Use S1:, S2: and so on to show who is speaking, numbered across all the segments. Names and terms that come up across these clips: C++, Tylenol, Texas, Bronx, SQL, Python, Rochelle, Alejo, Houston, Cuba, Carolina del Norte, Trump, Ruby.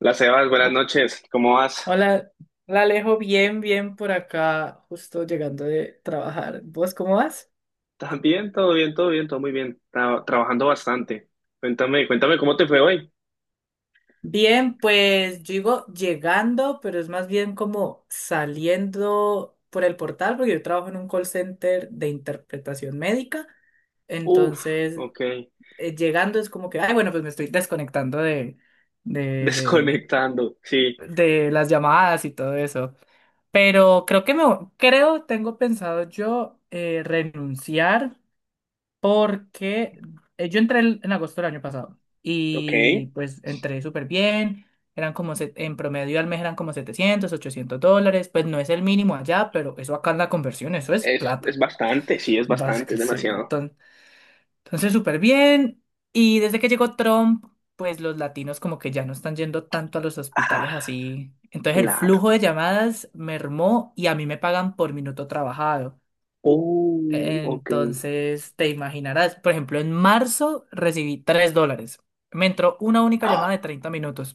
S1: Hola Sebas, buenas
S2: Oh,
S1: noches. ¿Cómo vas?
S2: hola, hola Alejo, bien, bien por acá, justo llegando de trabajar. ¿Vos cómo vas?
S1: ¿Estás bien? Todo bien, todo bien, todo muy bien. Trabajando bastante. Cuéntame, cuéntame cómo te fue hoy.
S2: Bien, pues yo digo llegando, pero es más bien como saliendo por el portal, porque yo trabajo en un call center de interpretación médica,
S1: Uf,
S2: entonces
S1: ok.
S2: llegando es como que, ay, bueno, pues me estoy desconectando de, de,
S1: Desconectando, sí.
S2: de las llamadas y todo eso. Pero creo que tengo pensado yo renunciar porque yo entré en agosto del año pasado
S1: Ok.
S2: y pues entré súper bien, eran como en promedio al mes eran como $700, $800, pues no es el mínimo allá, pero eso acá en la conversión, eso es
S1: Es
S2: plata,
S1: bastante, sí, es bastante, es
S2: básicamente. Sí.
S1: demasiado.
S2: Entonces súper bien y desde que llegó Trump, pues los latinos como que ya no están yendo tanto a los hospitales
S1: Ah,
S2: así. Entonces el
S1: claro.
S2: flujo de llamadas mermó y a mí me pagan por minuto trabajado.
S1: Oh, ok.
S2: Entonces, te imaginarás, por ejemplo, en marzo recibí $3. Me entró una única llamada de 30 minutos.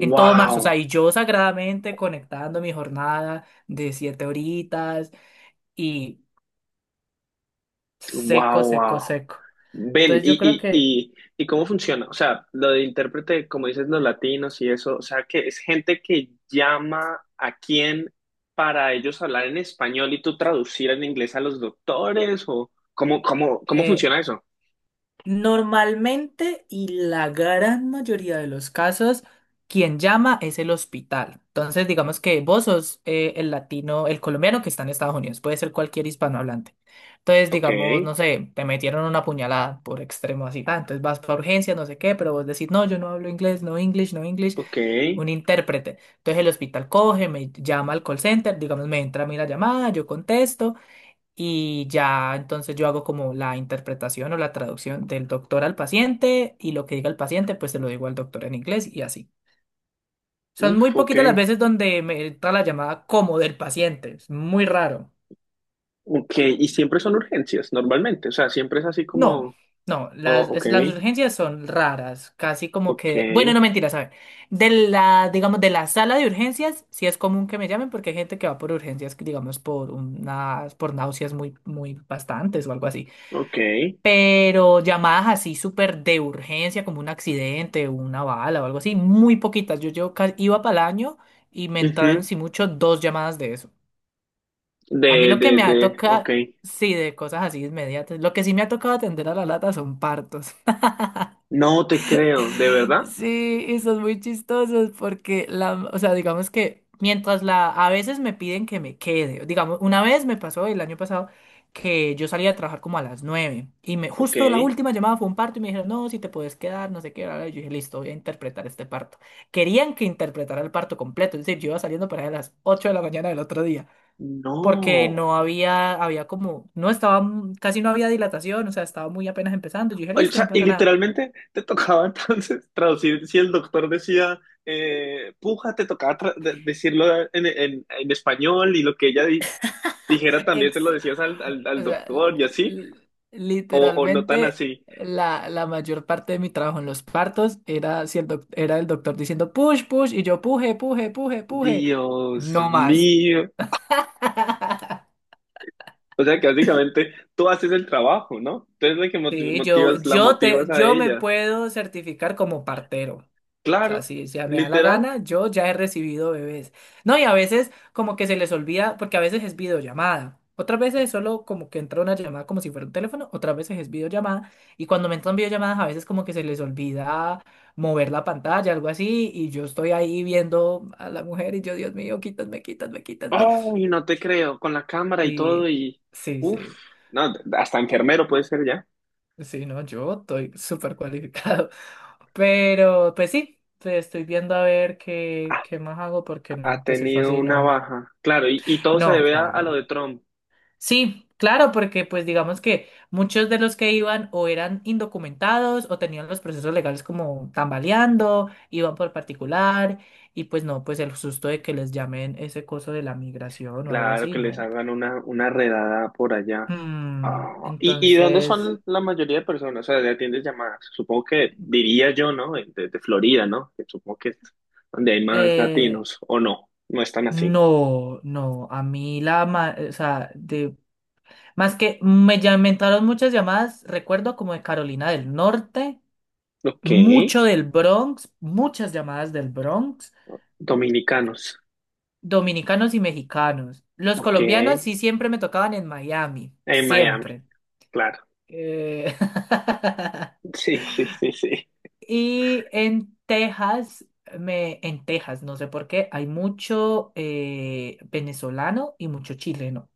S2: En todo
S1: Ah,
S2: marzo, o sea,
S1: wow.
S2: y yo sagradamente conectando mi jornada de 7 horitas y seco,
S1: Wow, wow.
S2: seco, seco.
S1: Ven,
S2: Entonces yo creo
S1: y, y,
S2: que
S1: y, ¿y cómo funciona? O sea, lo de intérprete, como dices, los latinos y eso, o sea, que es gente que llama a quién para ellos hablar en español y tú traducir en inglés a los doctores, o cómo
S2: eh,
S1: funciona eso?
S2: Normalmente y la gran mayoría de los casos, quien llama es el hospital. Entonces, digamos que vos sos el latino, el colombiano que está en Estados Unidos, puede ser cualquier hispanohablante. Entonces,
S1: Ok,
S2: digamos, no sé, te metieron una puñalada por extremo así, extremosidad, entonces vas para urgencias, no sé qué, pero vos decís, no, yo no hablo inglés, no English, no English,
S1: ok,
S2: un intérprete. Entonces el hospital coge, me llama al call center, digamos, me entra a mí la llamada, yo contesto. Y ya entonces yo hago como la interpretación o la traducción del doctor al paciente y lo que diga el paciente pues se lo digo al doctor en inglés y así. Son muy
S1: uf, ok,
S2: poquitas las veces donde me entra la llamada como del paciente, es muy raro.
S1: ok, y siempre son urgencias, normalmente, o sea, siempre es así
S2: No,
S1: como,
S2: no,
S1: oh, ok,
S2: las urgencias son raras, casi como
S1: ok,
S2: que, bueno, no mentira, ¿saben? De la, digamos, de la sala de urgencias sí es común que me llamen porque hay gente que va por urgencias, digamos, por náuseas muy, muy bastantes o algo así.
S1: ok,
S2: Pero llamadas así súper de urgencia, como un accidente, una bala o algo así, muy poquitas. Yo iba para el año y me entraron,
S1: ujú,
S2: si mucho, dos llamadas de eso.
S1: De,
S2: A mí lo
S1: de,
S2: que me
S1: de,
S2: ha
S1: ok.
S2: tocado, sí, de cosas así inmediatas, lo que sí me ha tocado atender a la lata son partos.
S1: No te creo, ¿de verdad?
S2: Sí, y son muy chistosos porque la, o sea, digamos que mientras la, a veces me piden que me quede, digamos, una vez me pasó el año pasado que yo salía a trabajar como a las 9 y
S1: Ok.
S2: justo la última llamada fue un parto y me dijeron, no, si te puedes quedar, no sé qué, bla, bla, y yo dije, listo, voy a interpretar este parto. Querían que interpretara el parto completo, es decir, yo iba saliendo para allá a las 8 de la mañana del otro día, porque
S1: No.
S2: no había, había como, no estaba, casi no había dilatación, o sea, estaba muy apenas empezando, yo dije,
S1: O
S2: listo, no
S1: sea, y
S2: pasa nada.
S1: literalmente te tocaba entonces traducir, si el doctor decía puja, te tocaba decirlo en español y lo que ella dijera también se lo decías
S2: O
S1: al
S2: sea,
S1: doctor y así, o no tan
S2: literalmente
S1: así.
S2: la mayor parte de mi trabajo en los partos era, si el doc- era el doctor diciendo push, push, y yo puje, puje, puje, puje.
S1: Dios
S2: No más.
S1: mío. O sea que básicamente tú haces el trabajo, ¿no? Tú eres la que
S2: Sí, yo,
S1: motivas, la
S2: yo
S1: motivas
S2: te,
S1: a
S2: yo me
S1: ella.
S2: puedo certificar como partero. O sea,
S1: Claro,
S2: si ya me da la
S1: literal.
S2: gana, yo ya he recibido bebés. No, y a veces como que se les olvida, porque a veces es videollamada. Otras veces es solo como que entra una llamada como si fuera un teléfono, otras veces es videollamada. Y cuando me entran videollamadas, a veces como que se les olvida mover la pantalla, algo así. Y yo estoy ahí viendo a la mujer y yo, Dios mío, quítame, quítame, quítame.
S1: Ay, no te creo, con la cámara y todo
S2: Y
S1: y...
S2: sí,
S1: Uf,
S2: sí.
S1: no, hasta enfermero puede ser ya.
S2: Sí, no, yo estoy súper cualificado. Pero, pues sí, te estoy viendo a ver qué,
S1: Ah,
S2: qué más hago, porque
S1: ha
S2: no, pues eso
S1: tenido
S2: así
S1: una
S2: no.
S1: baja. Claro, y todo se
S2: No,
S1: debe a lo
S2: claro.
S1: de Trump.
S2: Sí, claro, porque pues digamos que muchos de los que iban o eran indocumentados o tenían los procesos legales como tambaleando, iban por particular, y pues no, pues el susto de que les llamen ese coso de la migración o algo
S1: Claro,
S2: así,
S1: que les
S2: no.
S1: hagan una redada por allá.
S2: Hmm,
S1: Ah, ¿y de dónde
S2: entonces.
S1: son la mayoría de personas? O sea, de atiendes llamadas. Supongo que diría yo, ¿no? De Florida, ¿no? Que supongo que es donde hay más
S2: eh,
S1: latinos, o no, no están así.
S2: No, no, a mí o sea, más que me, ya- me entraron muchas llamadas, recuerdo como de Carolina del Norte,
S1: Ok.
S2: mucho del Bronx, muchas llamadas del Bronx,
S1: Dominicanos.
S2: dominicanos y mexicanos. Los
S1: Ok.
S2: colombianos
S1: En
S2: sí siempre me tocaban en Miami,
S1: Miami,
S2: siempre.
S1: claro.
S2: Eh,
S1: Sí, sí, sí, sí.
S2: Y en Texas, en Texas, no sé por qué, hay mucho venezolano y mucho chileno.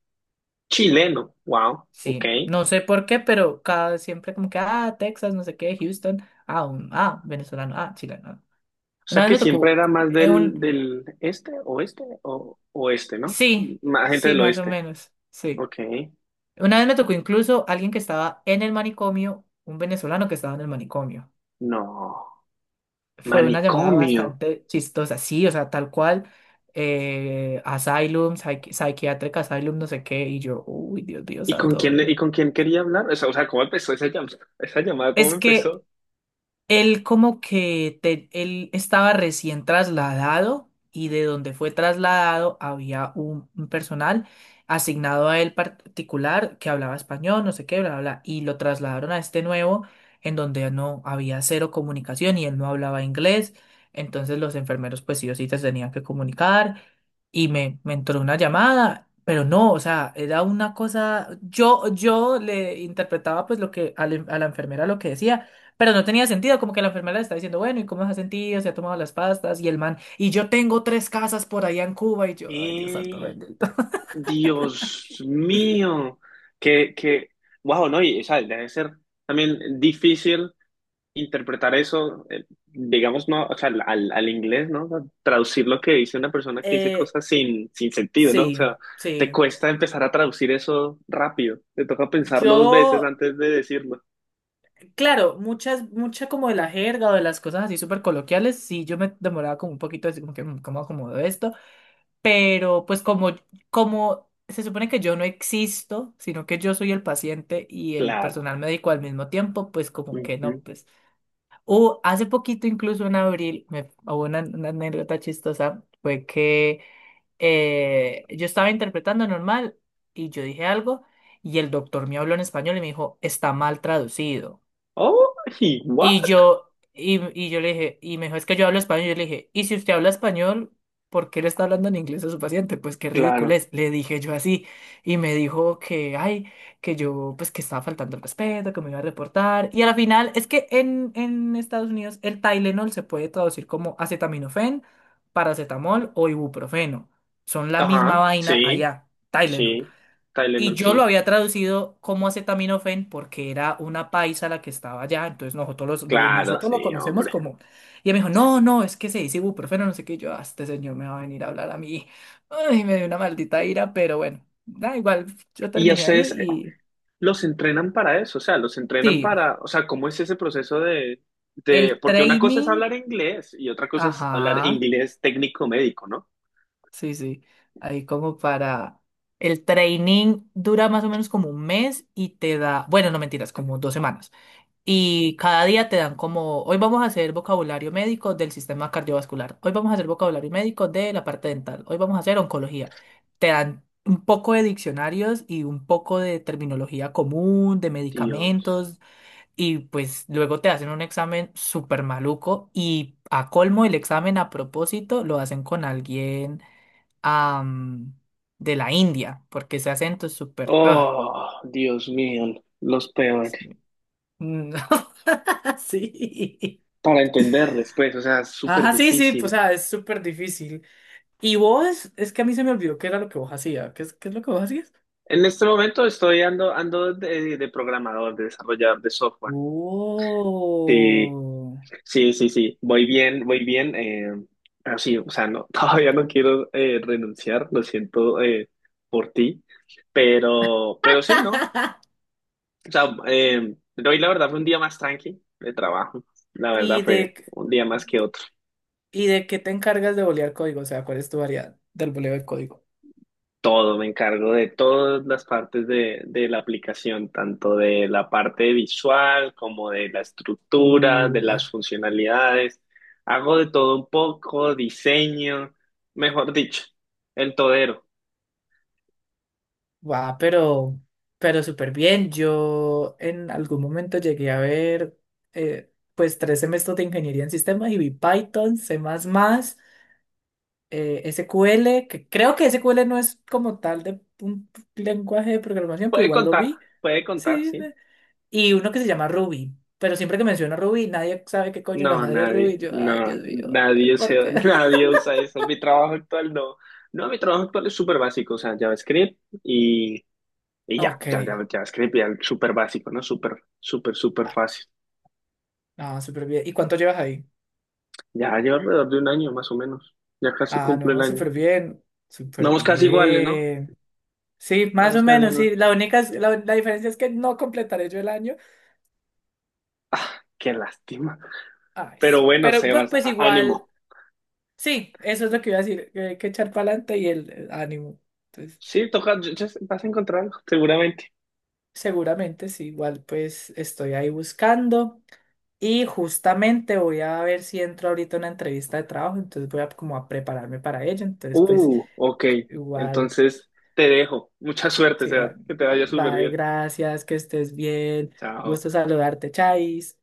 S1: Chileno, wow, ok.
S2: Sí, no sé por qué, pero cada vez siempre como que, ah, Texas, no sé qué, Houston, ah, ah, venezolano, ah, chileno. Ah.
S1: O
S2: Una
S1: sea
S2: vez
S1: que
S2: me
S1: siempre
S2: tocó
S1: era más del,
S2: un,
S1: del este, oeste o oeste, ¿no?
S2: sí,
S1: Más gente
S2: sí,
S1: del
S2: más o
S1: oeste.
S2: menos, sí.
S1: Ok.
S2: Una vez me tocó incluso alguien que estaba en el manicomio, un venezolano que estaba en el manicomio.
S1: No.
S2: Fue una llamada
S1: Manicomio.
S2: bastante chistosa, sí, o sea, tal cual, asylum, psychiatric asylum, no sé qué, y yo, uy, Dios mío,
S1: ¿Y con quién,
S2: santo.
S1: y con quién quería hablar? O sea, ¿cómo empezó esa llamada? Esa llamada, ¿cómo
S2: Es que
S1: empezó?
S2: él como que él estaba recién trasladado y de donde fue trasladado había un personal asignado a él particular que hablaba español, no sé qué, bla, bla, bla, y lo trasladaron a este nuevo en donde no había cero comunicación y él no hablaba inglés, entonces los enfermeros pues sí o sí se tenían que comunicar y me entró una llamada, pero no, o sea, era una cosa, yo le interpretaba pues lo que a la enfermera lo que decía. Pero no tenía sentido, como que la enfermera le está diciendo, bueno, ¿y cómo se ha sentido? ¿Se ha tomado las pastas? Y el man, y yo tengo tres casas por allá en Cuba, y yo, ay, Dios santo
S1: ¡Ey!
S2: bendito.
S1: Dios mío, que, wow, no, y o sea, debe ser también difícil interpretar eso, digamos, no, o sea, al inglés, ¿no? O sea, traducir lo que dice una persona que dice
S2: Eh,
S1: cosas sin, sin sentido, ¿no? O
S2: sí,
S1: sea, te
S2: sí.
S1: cuesta empezar a traducir eso rápido. Te toca pensarlo dos veces
S2: Yo,
S1: antes de decirlo.
S2: claro, mucha como de la jerga o de las cosas así súper coloquiales, sí, yo me demoraba como un poquito, así como que, "Mm, ¿cómo acomodo esto? Pero pues como se supone que yo no existo, sino que yo soy el paciente y el
S1: Claro.
S2: personal médico al mismo tiempo, pues como que no,
S1: Ujú.
S2: pues. Hace poquito, incluso en abril, hubo una anécdota chistosa, fue que yo estaba interpretando normal y yo dije algo y el doctor me habló en español y me dijo, está mal traducido.
S1: Oh,
S2: Y
S1: what?
S2: yo, y, y yo le dije, y me dijo, es que yo hablo español. Yo le dije, y si usted habla español, ¿por qué le está hablando en inglés a su paciente? Pues qué ridículo
S1: Claro.
S2: es. Le dije yo así. Y me dijo que, ay, que yo, pues que estaba faltando el respeto, que me iba a reportar. Y a la final, es que en Estados Unidos el Tylenol se puede traducir como acetaminofén, paracetamol o ibuprofeno. Son la misma
S1: Ajá,
S2: vaina
S1: sí,
S2: allá, Tylenol.
S1: sí.
S2: Y
S1: Tylenol,
S2: yo lo
S1: sí.
S2: había traducido como acetaminofén porque era una paisa la que estaba allá, entonces nosotros,
S1: Claro,
S2: nosotros lo
S1: sí,
S2: conocemos
S1: hombre.
S2: como... Y él me dijo, no, no, es que se dice ibuprofeno, no sé qué. Y yo, "Ah, este señor me va a venir a hablar a mí. Ay, me dio una maldita ira, pero bueno, da igual, yo
S1: ¿Y a
S2: terminé ahí
S1: ustedes
S2: y...
S1: los entrenan para eso, o sea, los entrenan
S2: Sí,
S1: para, o sea, ¿cómo es ese proceso de,
S2: el
S1: porque una cosa es
S2: training,
S1: hablar inglés y otra cosa es hablar
S2: ajá,
S1: inglés técnico-médico, ¿no?
S2: sí, sí, ahí como para... El training dura más o menos como un mes y te da, bueno, no mentiras, como 2 semanas. Y cada día te dan como, hoy vamos a hacer vocabulario médico del sistema cardiovascular, hoy vamos a hacer vocabulario médico de la parte dental, hoy vamos a hacer oncología. Te dan un poco de diccionarios y un poco de terminología común, de
S1: Dios.
S2: medicamentos, y pues luego te hacen un examen súper maluco y a colmo el examen a propósito lo hacen con alguien am, de la India, porque ese acento es súper... ugh,
S1: Oh, Dios mío, los peores.
S2: sí. Mm, sí.
S1: Para entenderles, pues, o sea, es súper
S2: Ajá, sí, sí, pues,
S1: difícil.
S2: o sea, es súper difícil. Y vos, es que a mí se me olvidó qué era lo que vos hacías. ¿Qué es lo que vos hacías?
S1: En este momento ando de programador, de desarrollador de software. Sí.
S2: Oh.
S1: Sí, sí, sí, voy bien, pero sí, o sea, no, todavía no quiero renunciar, lo siento por ti, pero sí, ¿no? O sea, hoy la verdad fue un día más tranqui de trabajo, la verdad
S2: ¿Y
S1: fue
S2: de, qué-
S1: un día más que otro.
S2: y de qué te encargas de bolear código? O sea, ¿cuál es tu variedad del boleo de código?
S1: Todo, me encargo de todas las partes de la aplicación, tanto de la parte visual como de la estructura, de
S2: Uh,
S1: las funcionalidades. Hago de todo un poco, diseño, mejor dicho, el todero.
S2: va, pero súper bien. Yo en algún momento llegué a ver, pues, tres semestres de ingeniería en sistemas y vi Python, C++, SQL, que creo que SQL no es como tal de un lenguaje de programación, pero
S1: Puede
S2: igual lo
S1: contar,
S2: vi.
S1: puede contar,
S2: Sí.
S1: sí.
S2: Y uno que se llama Ruby. Pero siempre que menciona Ruby, nadie sabe qué coño es la
S1: No,
S2: madre de Ruby.
S1: nadie,
S2: Yo, ay,
S1: no,
S2: Dios mío,
S1: nadie usa,
S2: ¿por qué?
S1: nadie usa eso. Mi trabajo actual no. No, mi trabajo actual es súper básico, o sea, JavaScript y ya,
S2: Ok.
S1: ya, ya, JavaScript ya es súper básico, ¿no? Súper, súper, súper
S2: Ah,
S1: fácil.
S2: ah, súper bien. ¿Y cuánto llevas ahí?
S1: Ya lleva alrededor de un año más o menos. Ya casi
S2: Ah,
S1: cumple el
S2: no,
S1: año.
S2: súper bien. Súper
S1: Vamos casi iguales, ¿no?
S2: bien. Sí, más
S1: Vamos
S2: o
S1: casi
S2: menos, sí.
S1: iguales.
S2: La diferencia es que no completaré yo el año.
S1: Ah, qué lástima.
S2: Ay, sí.
S1: Pero bueno,
S2: Pero
S1: Sebas,
S2: pues igual.
S1: ánimo.
S2: Sí, eso es lo que iba a decir, que hay que echar para adelante y el ánimo. Entonces,
S1: Sí, toca, ya vas a encontrar algo, seguramente.
S2: seguramente sí, igual pues estoy ahí buscando y justamente voy a ver si entro ahorita a una entrevista de trabajo, entonces voy a como a prepararme para ello, entonces pues
S1: Ok.
S2: igual,
S1: Entonces te dejo. Mucha suerte,
S2: sí,
S1: Sebas.
S2: va,
S1: Que te vaya súper
S2: va,
S1: bien.
S2: gracias, que estés bien,
S1: Chao.
S2: gusto saludarte, Chais.